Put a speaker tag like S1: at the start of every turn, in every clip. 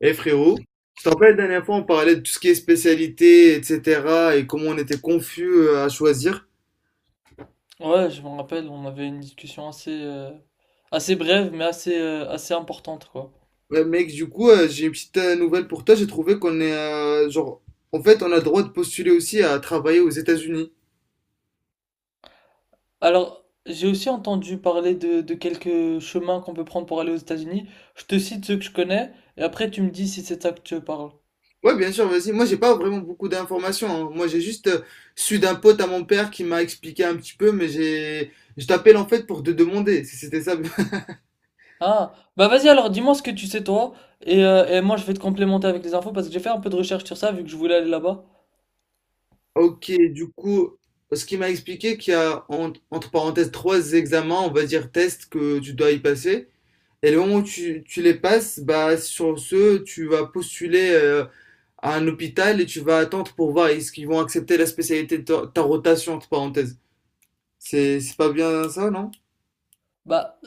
S1: Eh frérot, tu te rappelles la dernière fois on parlait de tout ce qui est spécialité, etc. et comment on était confus à choisir.
S2: Ouais, je me rappelle, on avait une discussion assez, assez brève, mais assez, assez importante, quoi.
S1: Ouais, mec, du coup, j'ai une petite nouvelle pour toi. J'ai trouvé qu'on est genre, en fait, on a le droit de postuler aussi à travailler aux États-Unis.
S2: Alors, j'ai aussi entendu parler de quelques chemins qu'on peut prendre pour aller aux États-Unis. Je te cite ceux que je connais, et après tu me dis si c'est de ça que tu parles.
S1: Ouais, bien sûr, vas-y. Moi, j'ai pas vraiment beaucoup d'informations, hein. Moi, j'ai juste su d'un pote à mon père qui m'a expliqué un petit peu, mais je t'appelle en fait pour te demander si c'était ça.
S2: Ah, bah vas-y alors, dis-moi ce que tu sais toi, et moi je vais te complémenter avec les infos parce que j'ai fait un peu de recherche sur ça vu que je voulais aller là-bas.
S1: Ok, du coup, ce qui m'a expliqué qu'il y a entre parenthèses trois examens, on va dire tests que tu dois y passer. Et le moment où tu les passes, bah sur ce, tu vas postuler à un hôpital et tu vas attendre pour voir est-ce qu'ils vont accepter la spécialité de ta rotation entre parenthèses. C'est pas bien ça, non?
S2: Bah,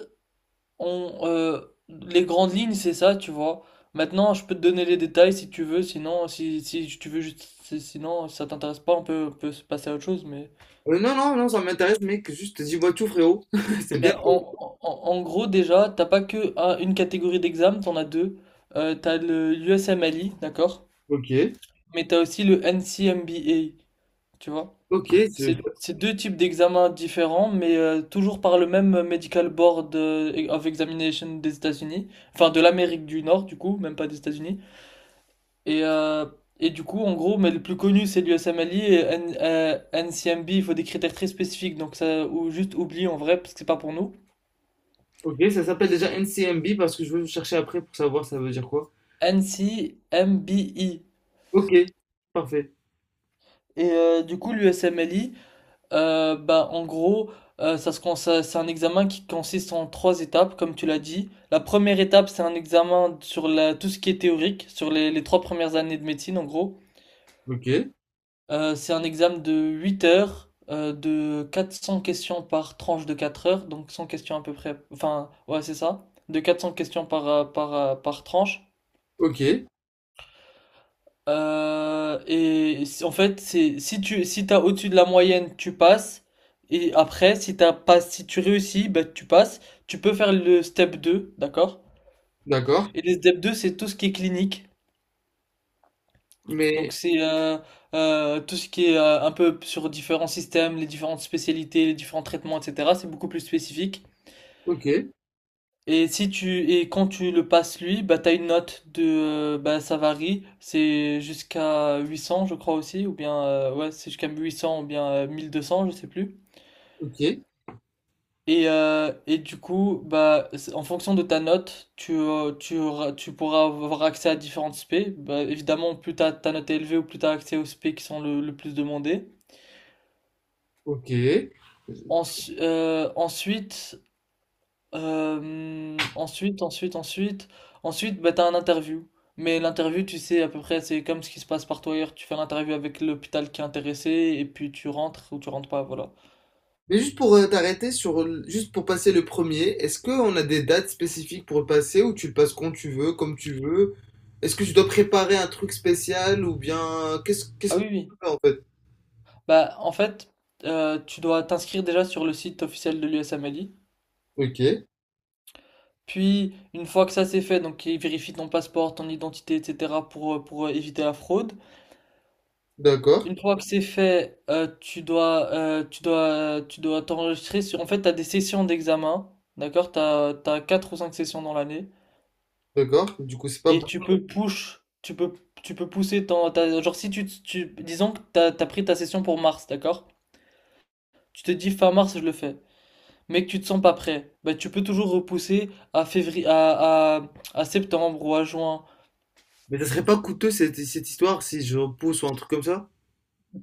S2: On, euh, les grandes lignes, c'est ça, tu vois. Maintenant, je peux te donner les détails si tu veux, sinon, si tu veux juste, si ça t'intéresse pas, on peut se passer à autre chose, mais...
S1: Non, non, non, ça m'intéresse, mec. Juste dis-moi tout, frérot. C'est bien.
S2: Bah, en gros, déjà, t'as pas que une catégorie d'examen, t'en as deux. T'as le USMLE, d'accord?
S1: Ok,
S2: Mais t'as aussi le NCMBA, tu vois?
S1: ok, c'est-
S2: C'est deux types d'examens différents, mais toujours par le même Medical Board of Examination des États-Unis, enfin de l'Amérique du Nord, du coup, même pas des États-Unis. Et, euh, et du coup, en gros, mais le plus connu, c'est l'USMLE et NCMB, il faut des critères très spécifiques, donc ça, ou juste oublie en vrai, parce que c'est pas pour nous.
S1: ok. Ça s'appelle déjà NCMB parce que je veux chercher après pour savoir ça veut dire quoi.
S2: NCMBI.
S1: Ok, parfait.
S2: Et du coup, l'USMLE, en gros, ça se, cons- ça- c'est un examen qui consiste en trois étapes, comme tu l'as dit. La première étape, c'est un examen sur la, tout ce qui est théorique, sur les trois premières années de médecine, en gros.
S1: Ok.
S2: C'est un examen de 8 heures, de 400 questions par tranche de 4 heures, donc 100 questions à peu près, enfin, ouais, c'est ça, de 400 questions par tranche.
S1: Ok,
S2: En fait, c'est si t'as au-dessus de la moyenne, tu passes. Et après, si t'as pas, si tu réussis, bah, tu passes. Tu peux faire le step deux, d'accord?
S1: d'accord.
S2: Et le step 2 c'est tout ce qui est clinique.
S1: Mais
S2: Donc c'est tout ce qui est un peu sur différents systèmes, les différentes spécialités, les différents traitements, etc. C'est beaucoup plus spécifique.
S1: ok,
S2: Et si tu et quand tu le passes lui, bah t'as une note de bah ça varie, c'est jusqu'à 800 je crois aussi ou bien ouais, c'est jusqu'à 800 ou bien 1 200 je sais plus.
S1: ok,
S2: Et du coup, en fonction de ta note, tu pourras avoir accès à différentes spé. Bah évidemment, plus ta note est élevée ou plus t'as accès aux spé qui sont le plus demandés.
S1: ok.
S2: Ensu- euh, ensuite, euh, ensuite, ensuite, ensuite, ensuite, bah, t'as un interview. Mais l'interview, tu sais, à peu près, c'est comme ce qui se passe partout ailleurs. Tu fais l'interview avec l'hôpital qui est intéressé et puis tu rentres ou tu rentres pas, voilà.
S1: Mais juste pour t'arrêter sur, juste pour passer le premier, est-ce qu'on a des dates spécifiques pour le passer ou tu le passes quand tu veux, comme tu veux? Est-ce que tu dois préparer un truc spécial ou bien qu'est-ce
S2: Ah
S1: que tu
S2: oui, oui.
S1: fais en fait?
S2: Bah, en fait, tu dois t'inscrire déjà sur le site officiel de l'USMLI.
S1: Ok,
S2: Puis, une fois que ça c'est fait, donc ils vérifient ton passeport, ton identité, etc. pour, éviter la fraude.
S1: d'accord,
S2: Une fois que c'est fait, tu dois t'enregistrer sur. En fait, t'as des sessions d'examen, d'accord? T'as quatre ou cinq sessions dans l'année,
S1: d'accord. Du coup, c'est pas bon.
S2: et tu peux push, tu peux pousser genre si disons que t'as pris ta session pour mars, d'accord? Tu te dis fin mars, je le fais, mais que tu te sens pas prêt, bah tu peux toujours repousser à février, à septembre ou à juin.
S1: Mais ça serait pas coûteux cette histoire si je repousse ou un truc comme ça?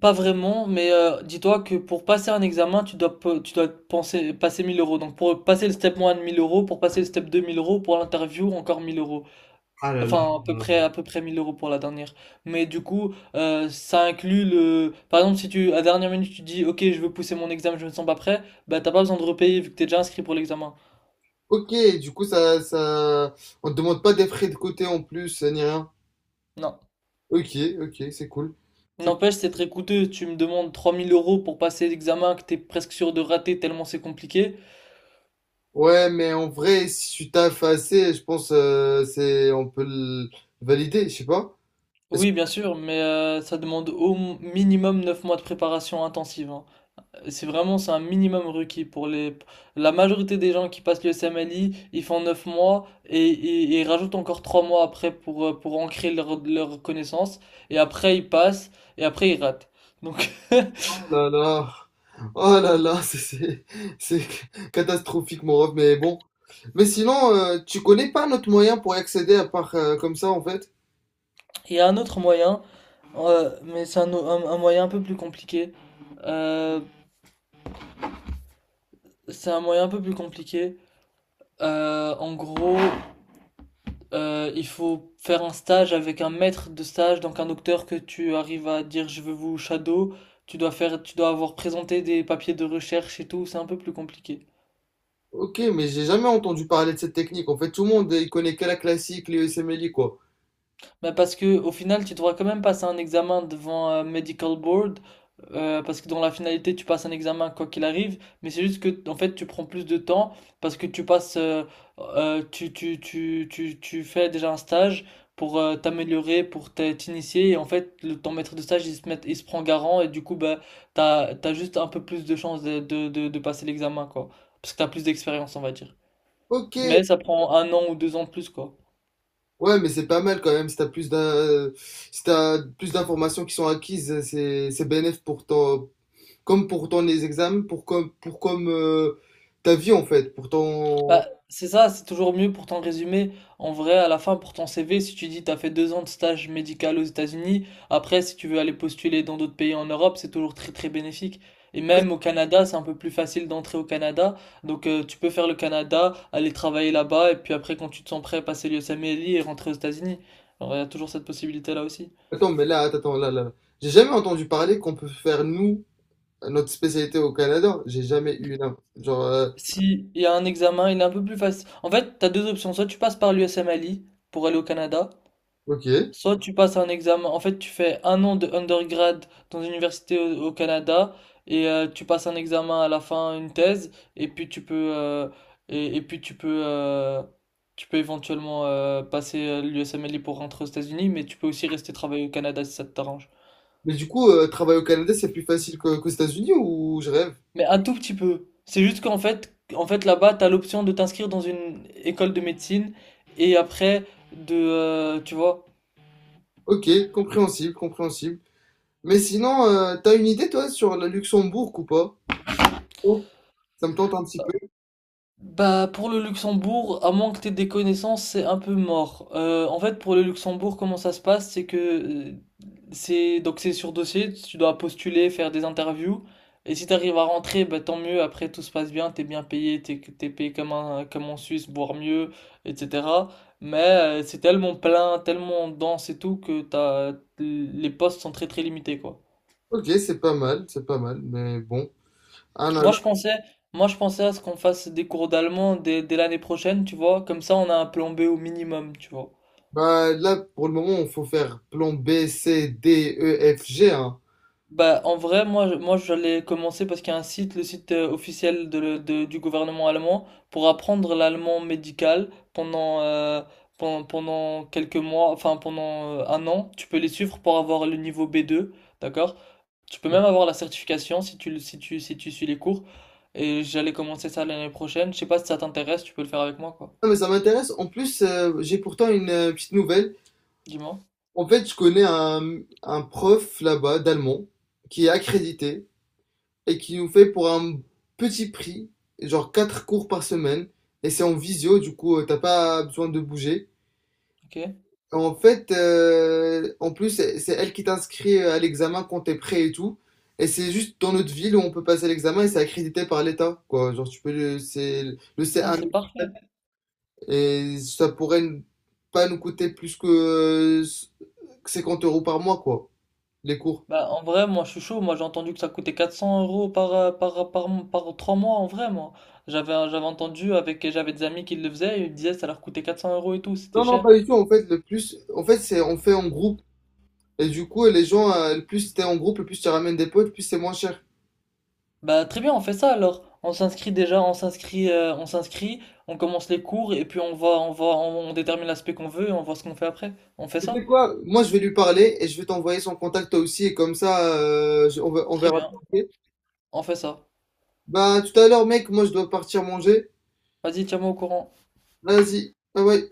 S2: Pas vraiment, mais dis-toi que pour passer un examen, tu dois penser, passer 1000 euros. Donc pour passer le step 1, 1000 euros, pour passer le step 2, 1000 euros, pour l'interview, encore 1000 euros.
S1: Ah là là.
S2: Enfin, à peu près 1000 euros pour la dernière. Mais du coup, ça inclut le... Par exemple, si tu, à dernière minute, tu dis, OK, je veux pousser mon examen, je me sens pas prêt, bah t'as pas besoin de repayer vu que t'es déjà inscrit pour l'examen.
S1: Ok, du coup, on te demande pas des frais de côté en plus, ni rien.
S2: Non.
S1: Ok, ok, c'est cool. C'est-
S2: N'empêche, c'est très coûteux. Tu me demandes 3000 euros pour passer l'examen que t'es presque sûr de rater tellement c'est compliqué.
S1: Ouais, mais en vrai, si tu taffes assez, je pense c'est on peut le valider, je sais pas. Parce que-
S2: Oui, bien sûr, mais ça demande au minimum 9 mois de préparation intensive, hein. C'est vraiment, c'est un minimum requis pour les... La majorité des gens qui passent le SMLI, ils font 9 mois et ils rajoutent encore 3 mois après pour ancrer leur connaissance. Et après, ils passent et après, ils ratent. Donc,
S1: Oh là là, oh là là, c'est catastrophique mon ref, mais bon. Mais sinon, tu connais pas notre moyen pour y accéder à part comme ça en fait?
S2: il y a un autre moyen, mais c'est un moyen un peu plus compliqué. Euh, c'est un moyen un peu plus compliqué. En gros, il faut faire un stage avec un maître de stage, donc un docteur que tu arrives à dire je veux vous shadow. Tu dois faire, tu dois avoir présenté des papiers de recherche et tout, c'est un peu plus compliqué.
S1: Ok, mais j'ai jamais entendu parler de cette technique. En fait, tout le monde il connaît que la classique, les USMLE quoi.
S2: Bah, parce que au final, tu devras quand même passer un examen devant un medical board, parce que dans la finalité, tu passes un examen quoi qu'il arrive, mais c'est juste que en fait, tu prends plus de temps parce que tu passes, tu fais déjà un stage pour t'améliorer, pour t'initier, et en fait, ton maître de stage, il se prend garant, et du coup, bah, t'as juste un peu plus de chances de passer l'examen, quoi, parce que t'as plus d'expérience, on va dire.
S1: Ok,
S2: Mais ça prend un an ou 2 ans de plus, quoi.
S1: ouais, mais c'est pas mal quand même. Si t'as plus d'un, si t'as plus d'informations qui sont acquises, c'est bénéf pour ton, comme pour ton les examens, pour comme ta vie en fait, pour ton.
S2: Bah, c'est ça, c'est toujours mieux pour ton résumé. En vrai, à la fin, pour ton CV, si tu dis t'as fait 2 ans de stage médical aux États-Unis, après, si tu veux aller postuler dans d'autres pays en Europe, c'est toujours très très bénéfique. Et même au Canada, c'est un peu plus facile d'entrer au Canada. Donc, tu peux faire le Canada, aller travailler là-bas, et puis après, quand tu te sens prêt, passer l'USMLE et rentrer aux États-Unis. Alors, il y a toujours cette possibilité-là aussi.
S1: Attends, mais là, attends, là, là. J'ai jamais entendu parler qu'on peut faire nous notre spécialité au Canada. J'ai jamais eu une. Genre,
S2: Si il y a un examen, il est un peu plus facile. En fait, t'as deux options. Soit tu passes par l'USMLE pour aller au Canada,
S1: ok.
S2: soit tu passes un examen, en fait tu fais un an de undergrad dans une université au Canada et tu passes un examen à la fin, une thèse, et puis tu peux euh, et puis tu peux éventuellement passer l'USMLE pour rentrer aux États-Unis, mais tu peux aussi rester travailler au Canada si ça t'arrange.
S1: Mais du coup, travailler au Canada, c'est plus facile qu'aux États-Unis ou je rêve?
S2: Mais un tout petit peu. C'est juste qu'en fait en fait là-bas t'as l'option de t'inscrire dans une école de médecine et après de tu vois.
S1: Ok, compréhensible, compréhensible. Mais sinon, t'as une idée toi sur le Luxembourg ou pas? Oh, ça me tente un petit peu.
S2: Bah, pour le Luxembourg, à moins que t'aies des connaissances, c'est un peu mort. En fait, pour le Luxembourg, comment ça se passe, c'est que c'est sur dossier, tu dois postuler, faire des interviews, et si t'arrives à rentrer, bah tant mieux. Après, tout se passe bien, t'es bien payé, t'es payé comme en Suisse, voire mieux, etc. Mais c'est tellement plein, tellement dense et tout que t'as les postes sont très très limités, quoi.
S1: Ok, c'est pas mal, mais bon. Ah non, là,
S2: Moi je pensais, moi je pensais à ce qu'on fasse des cours d'allemand dès l'année prochaine, tu vois, comme ça on a un plan B au minimum, tu vois.
S1: bah, là, pour le moment, il faut faire plan B, C, D, E, F, G, hein.
S2: Bah en vrai, moi j'allais commencer parce qu'il y a un site, le site officiel du gouvernement allemand, pour apprendre l'allemand médical pendant, quelques mois, enfin pendant un an, tu peux les suivre pour avoir le niveau B2, d'accord? Tu peux même avoir la certification si tu le- si tu si tu suis les cours. Et j'allais commencer ça l'année prochaine. Je sais pas si ça t'intéresse, tu peux le faire avec moi quoi.
S1: Non, mais ça m'intéresse. En plus, j'ai pourtant une petite nouvelle.
S2: Dis-moi.
S1: En fait, je connais un prof là-bas d'allemand qui est accrédité et qui nous fait pour un petit prix, genre 4 cours par semaine. Et c'est en visio, du coup, t'as pas besoin de bouger.
S2: Ok?
S1: En fait, en plus, c'est elle qui t'inscrit à l'examen quand t'es prêt et tout. Et c'est juste dans notre ville où on peut passer l'examen et c'est accrédité par l'État, quoi. Genre, c'est le
S2: Ah,
S1: C1
S2: c'est parfait.
S1: et ça pourrait pas nous coûter plus que 50 euros par mois, quoi, les cours.
S2: Bah, en vrai, moi, je suis chaud. Moi, j'ai entendu que ça coûtait 400 euros 3 mois, en vrai, moi. J'avais, j'avais entendu avec, j'avais des amis qui le faisaient, ils me disaient que ça leur coûtait 400 euros et tout, c'était
S1: Non, non,
S2: cher.
S1: pas du tout. En fait, le plus, en fait, c'est, on fait en groupe. Et du coup, les gens, le plus t'es en groupe, le plus tu ramènes des potes, le plus c'est moins cher.
S2: Bah, très bien, on fait ça alors. On s'inscrit déjà, on s'inscrit, on commence les cours et puis on détermine l'aspect qu'on veut et on voit ce qu'on fait après. On fait
S1: Tu
S2: ça?
S1: sais quoi? Moi, je vais lui parler et je vais t'envoyer son contact toi aussi et comme ça, on
S2: Très
S1: verra.
S2: bien,
S1: Ok.
S2: on fait ça.
S1: Bah, tout à l'heure, mec, moi je dois partir manger.
S2: Vas-y, tiens-moi au courant.
S1: Vas-y, ah ouais.